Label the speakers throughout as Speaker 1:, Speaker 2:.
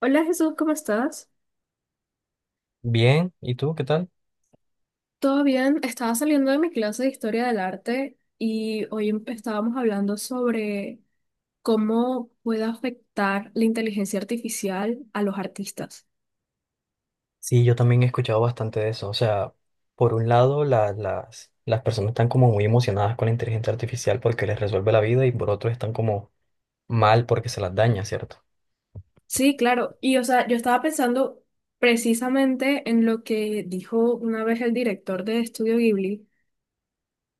Speaker 1: Hola Jesús, ¿cómo estás?
Speaker 2: Bien, ¿y tú qué tal?
Speaker 1: ¿Todo bien? Estaba saliendo de mi clase de historia del arte y hoy estábamos hablando sobre cómo puede afectar la inteligencia artificial a los artistas.
Speaker 2: Sí, yo también he escuchado bastante de eso. O sea, por un lado, las personas están como muy emocionadas con la inteligencia artificial porque les resuelve la vida y por otro están como mal porque se las daña, ¿cierto?
Speaker 1: Sí, claro. Y o sea, yo estaba pensando precisamente en lo que dijo una vez el director de Estudio Ghibli,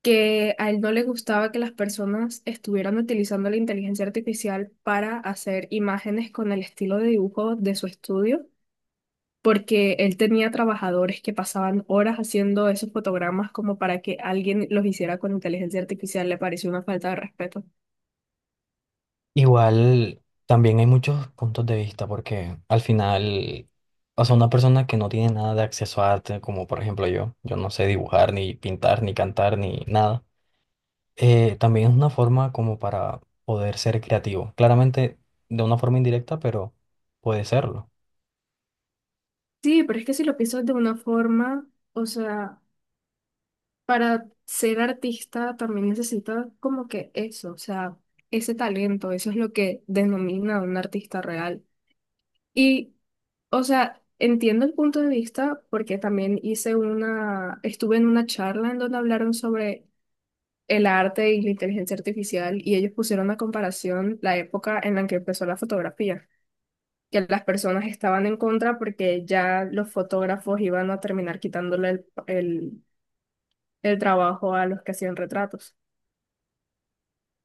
Speaker 1: que a él no le gustaba que las personas estuvieran utilizando la inteligencia artificial para hacer imágenes con el estilo de dibujo de su estudio porque él tenía trabajadores que pasaban horas haciendo esos fotogramas como para que alguien los hiciera con inteligencia artificial. Le pareció una falta de respeto.
Speaker 2: Igual, también hay muchos puntos de vista porque al final, o sea, una persona que no tiene nada de acceso a arte, como por ejemplo yo, yo no sé dibujar, ni pintar, ni cantar, ni nada. También es una forma como para poder ser creativo. Claramente de una forma indirecta, pero puede serlo.
Speaker 1: Sí, pero es que si lo piensas de una forma, o sea, para ser artista también necesitas como que eso, o sea, ese talento. Eso es lo que denomina a un artista real. Y, o sea, entiendo el punto de vista porque también hice una, estuve en una charla en donde hablaron sobre el arte y la inteligencia artificial y ellos pusieron a comparación la época en la que empezó la fotografía, que las personas estaban en contra porque ya los fotógrafos iban a terminar quitándole el trabajo a los que hacían retratos.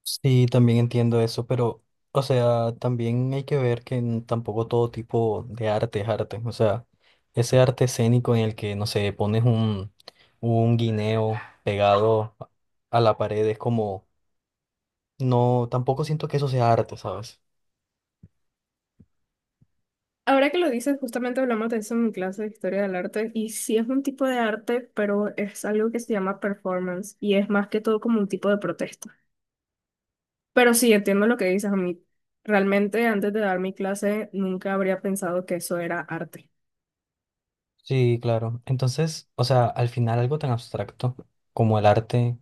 Speaker 2: Sí, también entiendo eso, pero, o sea, también hay que ver que tampoco todo tipo de arte es arte. O sea, ese arte escénico en el que, no sé, pones un guineo pegado a la pared es como, no, tampoco siento que eso sea arte, ¿sabes?
Speaker 1: Ahora que lo dices, justamente hablamos de eso en mi clase de historia del arte y sí es un tipo de arte, pero es algo que se llama performance y es más que todo como un tipo de protesta. Pero sí, entiendo lo que dices a mí. Realmente antes de dar mi clase nunca habría pensado que eso era arte.
Speaker 2: Sí, claro. Entonces, o sea, al final algo tan abstracto como el arte,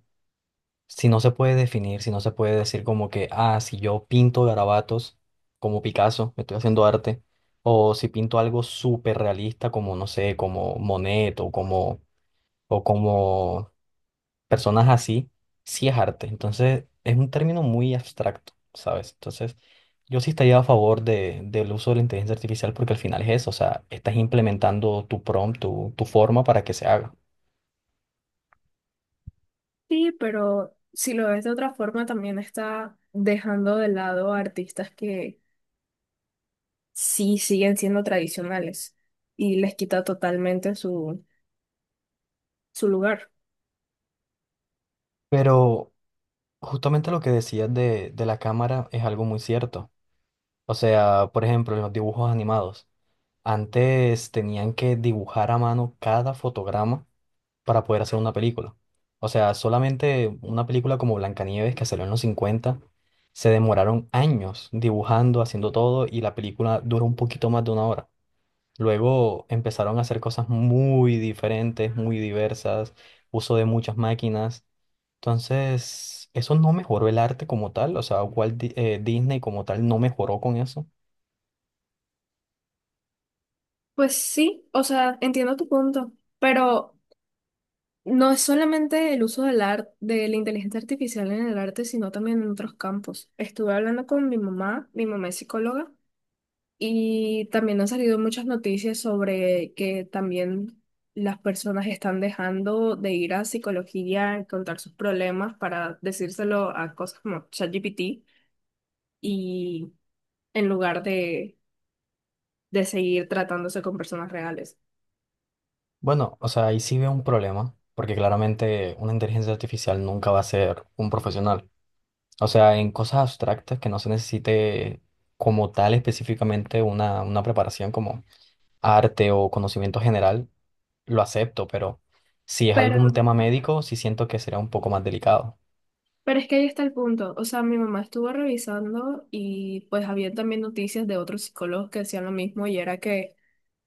Speaker 2: si no se puede definir, si no se puede decir como que, ah, si yo pinto garabatos como Picasso, me estoy haciendo arte, o si pinto algo súper realista como, no sé, como Monet o como personas así, sí es arte. Entonces, es un término muy abstracto, ¿sabes? Entonces, yo sí estaría a favor del uso de la inteligencia artificial porque al final es eso, o sea, estás implementando tu prompt, tu forma para que se haga.
Speaker 1: Sí, pero si lo ves de otra forma, también está dejando de lado a artistas que sí siguen siendo tradicionales y les quita totalmente su, su lugar.
Speaker 2: Pero justamente lo que decías de la cámara es algo muy cierto. O sea, por ejemplo, los dibujos animados. Antes tenían que dibujar a mano cada fotograma para poder hacer una película. O sea, solamente una película como Blancanieves, que salió en los 50, se demoraron años dibujando, haciendo todo, y la película duró un poquito más de una hora. Luego empezaron a hacer cosas muy diferentes, muy diversas, uso de muchas máquinas. Entonces, eso no mejoró el arte como tal, o sea, Walt Disney como tal no mejoró con eso.
Speaker 1: Pues sí, o sea, entiendo tu punto, pero no es solamente el uso del arte, de la inteligencia artificial en el arte, sino también en otros campos. Estuve hablando con mi mamá es psicóloga, y también han salido muchas noticias sobre que también las personas están dejando de ir a psicología a contar sus problemas para decírselo a cosas como ChatGPT y en lugar de seguir tratándose con personas reales.
Speaker 2: Bueno, o sea, ahí sí veo un problema, porque claramente una inteligencia artificial nunca va a ser un profesional. O sea, en cosas abstractas que no se necesite como tal específicamente una preparación como arte o conocimiento general, lo acepto, pero si es
Speaker 1: Pero,
Speaker 2: algún tema médico, sí siento que será un poco más delicado.
Speaker 1: pero es que ahí está el punto. O sea, mi mamá estuvo revisando y pues había también noticias de otros psicólogos que decían lo mismo y era que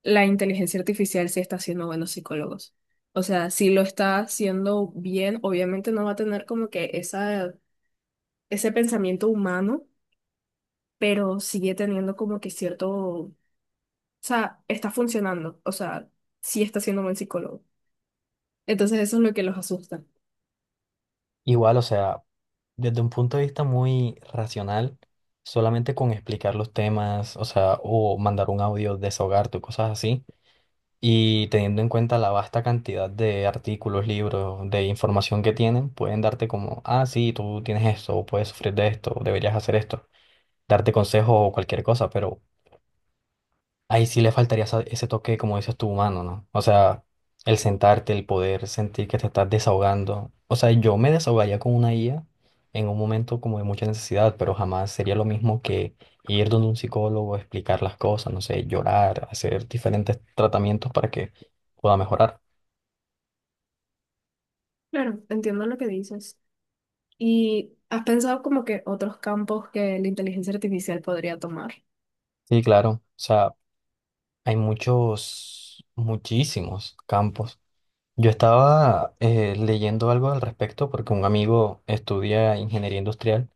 Speaker 1: la inteligencia artificial sí está haciendo buenos psicólogos. O sea, si lo está haciendo bien, obviamente no va a tener como que esa, ese pensamiento humano, pero sigue teniendo como que cierto, o sea, está funcionando, o sea, sí está siendo buen psicólogo. Entonces eso es lo que los asusta.
Speaker 2: Igual, o sea, desde un punto de vista muy racional, solamente con explicar los temas, o sea, o mandar un audio, desahogarte o cosas así. Y teniendo en cuenta la vasta cantidad de artículos, libros, de información que tienen, pueden darte como, ah, sí, tú tienes esto, o puedes sufrir de esto, o deberías hacer esto, darte consejo o cualquier cosa, pero ahí sí le faltaría ese toque, como dices tú, humano, ¿no? O sea, el sentarte, el poder sentir que te estás desahogando. O sea, yo me desahogaría con una IA en un momento como de mucha necesidad, pero jamás sería lo mismo que ir donde un psicólogo, explicar las cosas, no sé, llorar, hacer diferentes tratamientos para que pueda mejorar.
Speaker 1: Claro, entiendo lo que dices. ¿Y has pensado como que otros campos que la inteligencia artificial podría tomar?
Speaker 2: Sí, claro. O sea, hay muchos, muchísimos campos. Yo estaba leyendo algo al respecto porque un amigo estudia ingeniería industrial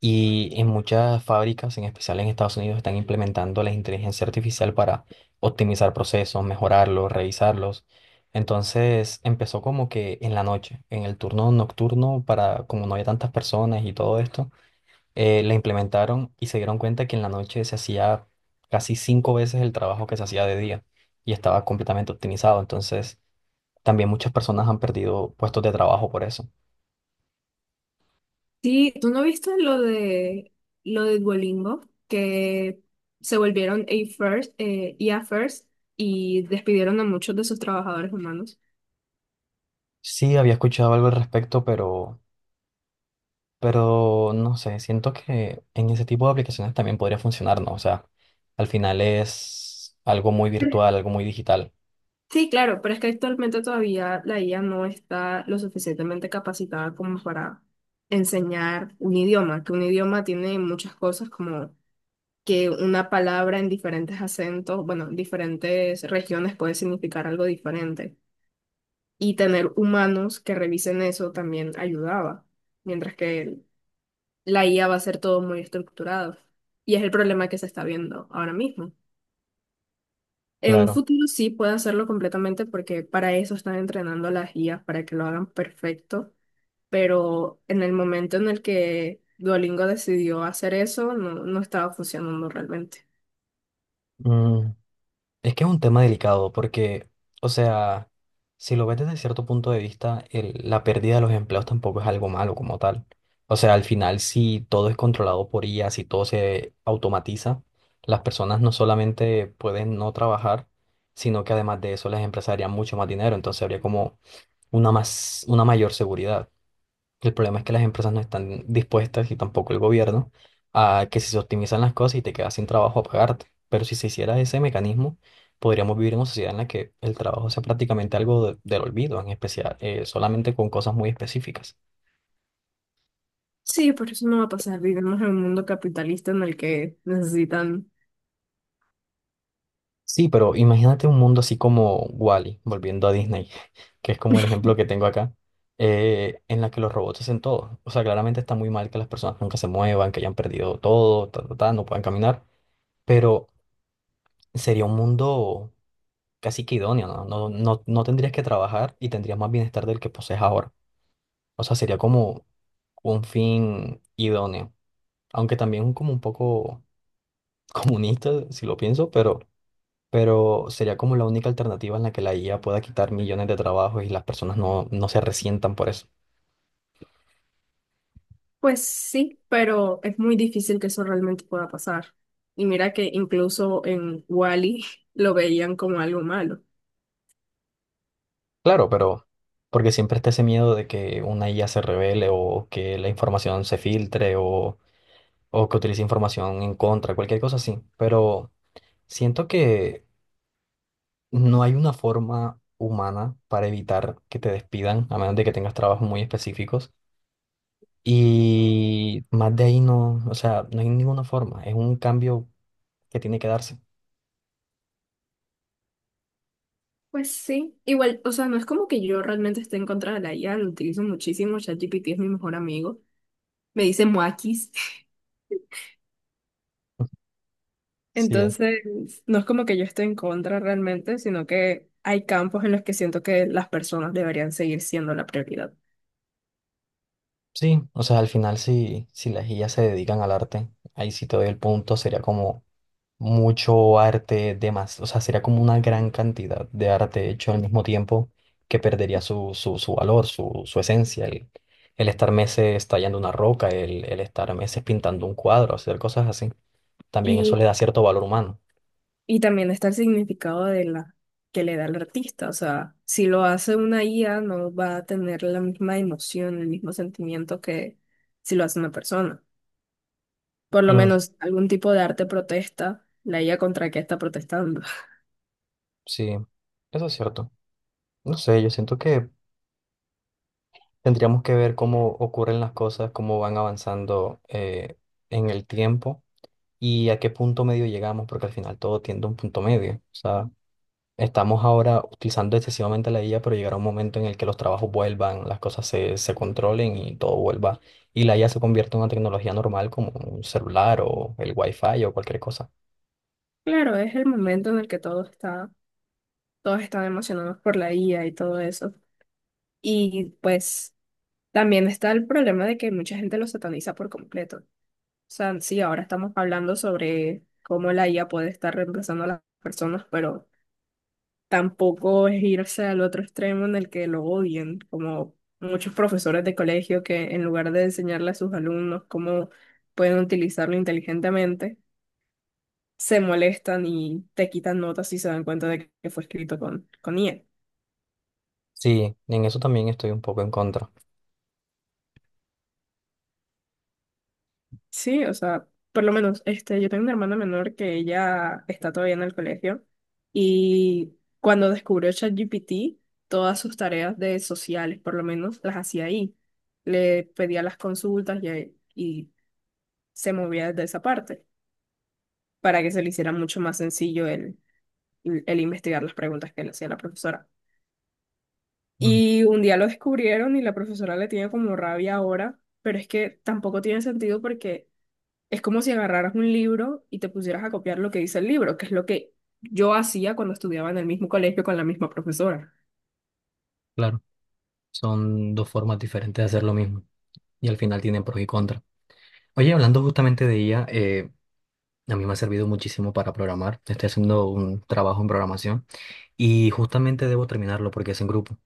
Speaker 2: y en muchas fábricas, en especial en Estados Unidos, están implementando la inteligencia artificial para optimizar procesos, mejorarlos, revisarlos. Entonces empezó como que en la noche, en el turno nocturno, para como no había tantas personas y todo esto. La implementaron y se dieron cuenta que en la noche se hacía casi cinco veces el trabajo que se hacía de día y estaba completamente optimizado. Entonces, también muchas personas han perdido puestos de trabajo por eso.
Speaker 1: Sí, ¿tú no viste lo de Duolingo que se volvieron A first, I a first y despidieron a muchos de sus trabajadores humanos?
Speaker 2: Sí, había escuchado algo al respecto, pero, no sé, siento que en ese tipo de aplicaciones también podría funcionar, ¿no? O sea, al final es algo muy virtual, algo muy digital.
Speaker 1: Sí, claro, pero es que actualmente todavía la IA no está lo suficientemente capacitada como para enseñar un idioma, que un idioma tiene muchas cosas como que una palabra en diferentes acentos, bueno, en diferentes regiones puede significar algo diferente, y tener humanos que revisen eso también ayudaba, mientras que la IA va a ser todo muy estructurado. Y es el problema que se está viendo ahora mismo. En un
Speaker 2: Claro.
Speaker 1: futuro sí puede hacerlo completamente porque para eso están entrenando a las IAs, para que lo hagan perfecto, pero en el momento en el que Duolingo decidió hacer eso, no estaba funcionando realmente.
Speaker 2: Mm, Es que es un tema delicado porque, o sea, si lo ves desde cierto punto de vista, la pérdida de los empleos tampoco es algo malo como tal. O sea, al final, si todo es controlado por IA, si todo se automatiza, las personas no solamente pueden no trabajar, sino que además de eso las empresas harían mucho más dinero. Entonces habría como una mayor seguridad. El problema es que las empresas no están dispuestas y tampoco el gobierno a que si se optimizan las cosas y te quedas sin trabajo a pagarte. Pero si se hiciera ese mecanismo, podríamos vivir en una sociedad en la que el trabajo sea prácticamente algo del olvido, en especial, solamente con cosas muy específicas.
Speaker 1: Sí, por eso no va a pasar. Vivimos en un mundo capitalista en el que necesitan.
Speaker 2: Sí, pero imagínate un mundo así como Wall-E, volviendo a Disney, que es como el ejemplo que tengo acá, en la que los robots hacen todo. O sea, claramente está muy mal que las personas nunca se muevan, que hayan perdido todo, ta, ta, ta, no puedan caminar, pero sería un mundo casi que idóneo, ¿no? No, no, no tendrías que trabajar y tendrías más bienestar del que posees ahora. O sea, sería como un fin idóneo, aunque también como un poco comunista, si lo pienso, pero, sería como la única alternativa en la que la IA pueda quitar millones de trabajos y las personas no se resientan por eso.
Speaker 1: Pues sí, pero es muy difícil que eso realmente pueda pasar. Y mira que incluso en Wally lo veían como algo malo.
Speaker 2: Claro, pero porque siempre está ese miedo de que una IA se revele o que la información se filtre o que utilice información en contra, cualquier cosa así, pero... Siento que no hay una forma humana para evitar que te despidan, a menos de que tengas trabajos muy específicos. Y más de ahí no, o sea, no hay ninguna forma. Es un cambio que tiene que darse.
Speaker 1: Pues sí, igual, o sea, no es como que yo realmente esté en contra de la IA, lo utilizo muchísimo, ChatGPT es mi mejor amigo, me dice Moakis.
Speaker 2: Sí,
Speaker 1: Entonces, no es como que yo esté en contra realmente, sino que hay campos en los que siento que las personas deberían seguir siendo la prioridad.
Speaker 2: sí, o sea, al final si, las guías se dedican al arte, ahí sí te doy el punto, sería como mucho arte de más, o sea, sería como una gran cantidad de arte hecho al mismo tiempo que perdería su, valor, su, esencia, el estar meses tallando una roca, el estar meses pintando un cuadro, hacer cosas así. También eso
Speaker 1: Y
Speaker 2: le da cierto valor humano.
Speaker 1: y también está el significado de la que le da el artista. O sea, si lo hace una IA, no va a tener la misma emoción, el mismo sentimiento que si lo hace una persona. Por lo
Speaker 2: Mm,
Speaker 1: menos algún tipo de arte protesta, la IA contra qué está protestando.
Speaker 2: sí, eso es cierto. No sé, yo siento que tendríamos que ver cómo ocurren las cosas, cómo van avanzando en el tiempo y a qué punto medio llegamos, porque al final todo tiende a un punto medio. O sea, estamos ahora utilizando excesivamente la IA, pero llegará un momento en el que los trabajos vuelvan, las cosas se controlen y todo vuelva. Y la IA se convierte en una tecnología normal como un celular o el Wi-Fi o cualquier cosa.
Speaker 1: Claro, es el momento en el que todo está, todos están emocionados por la IA y todo eso. Y pues también está el problema de que mucha gente lo sataniza por completo. O sea, sí, ahora estamos hablando sobre cómo la IA puede estar reemplazando a las personas, pero tampoco es irse al otro extremo en el que lo odien, como muchos profesores de colegio que en lugar de enseñarle a sus alumnos cómo pueden utilizarlo inteligentemente, se molestan y te quitan notas si se dan cuenta de que fue escrito con IA.
Speaker 2: Sí, en eso también estoy un poco en contra.
Speaker 1: Sí, o sea, por lo menos este, yo tengo una hermana menor que ella está todavía en el colegio y cuando descubrió ChatGPT, todas sus tareas de sociales, por lo menos, las hacía ahí. Le pedía las consultas y se movía desde esa parte para que se le hiciera mucho más sencillo el investigar las preguntas que le hacía la profesora.
Speaker 2: Mm,
Speaker 1: Y un día lo descubrieron y la profesora le tiene como rabia ahora, pero es que tampoco tiene sentido porque es como si agarraras un libro y te pusieras a copiar lo que dice el libro, que es lo que yo hacía cuando estudiaba en el mismo colegio con la misma profesora.
Speaker 2: claro, son dos formas diferentes de hacer lo mismo y al final tienen pros y contras. Oye, hablando justamente de IA, a mí me ha servido muchísimo para programar. Estoy haciendo un trabajo en programación. Y justamente debo terminarlo porque es en grupo.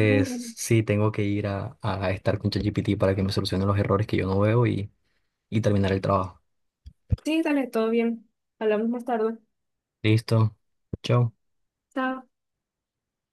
Speaker 1: Ah, bueno.
Speaker 2: sí, tengo que ir a, estar con ChatGPT para que me solucione los errores que yo no veo y terminar el trabajo.
Speaker 1: Sí, dale, todo bien. Hablamos más tarde.
Speaker 2: Listo. Chao.
Speaker 1: Chao.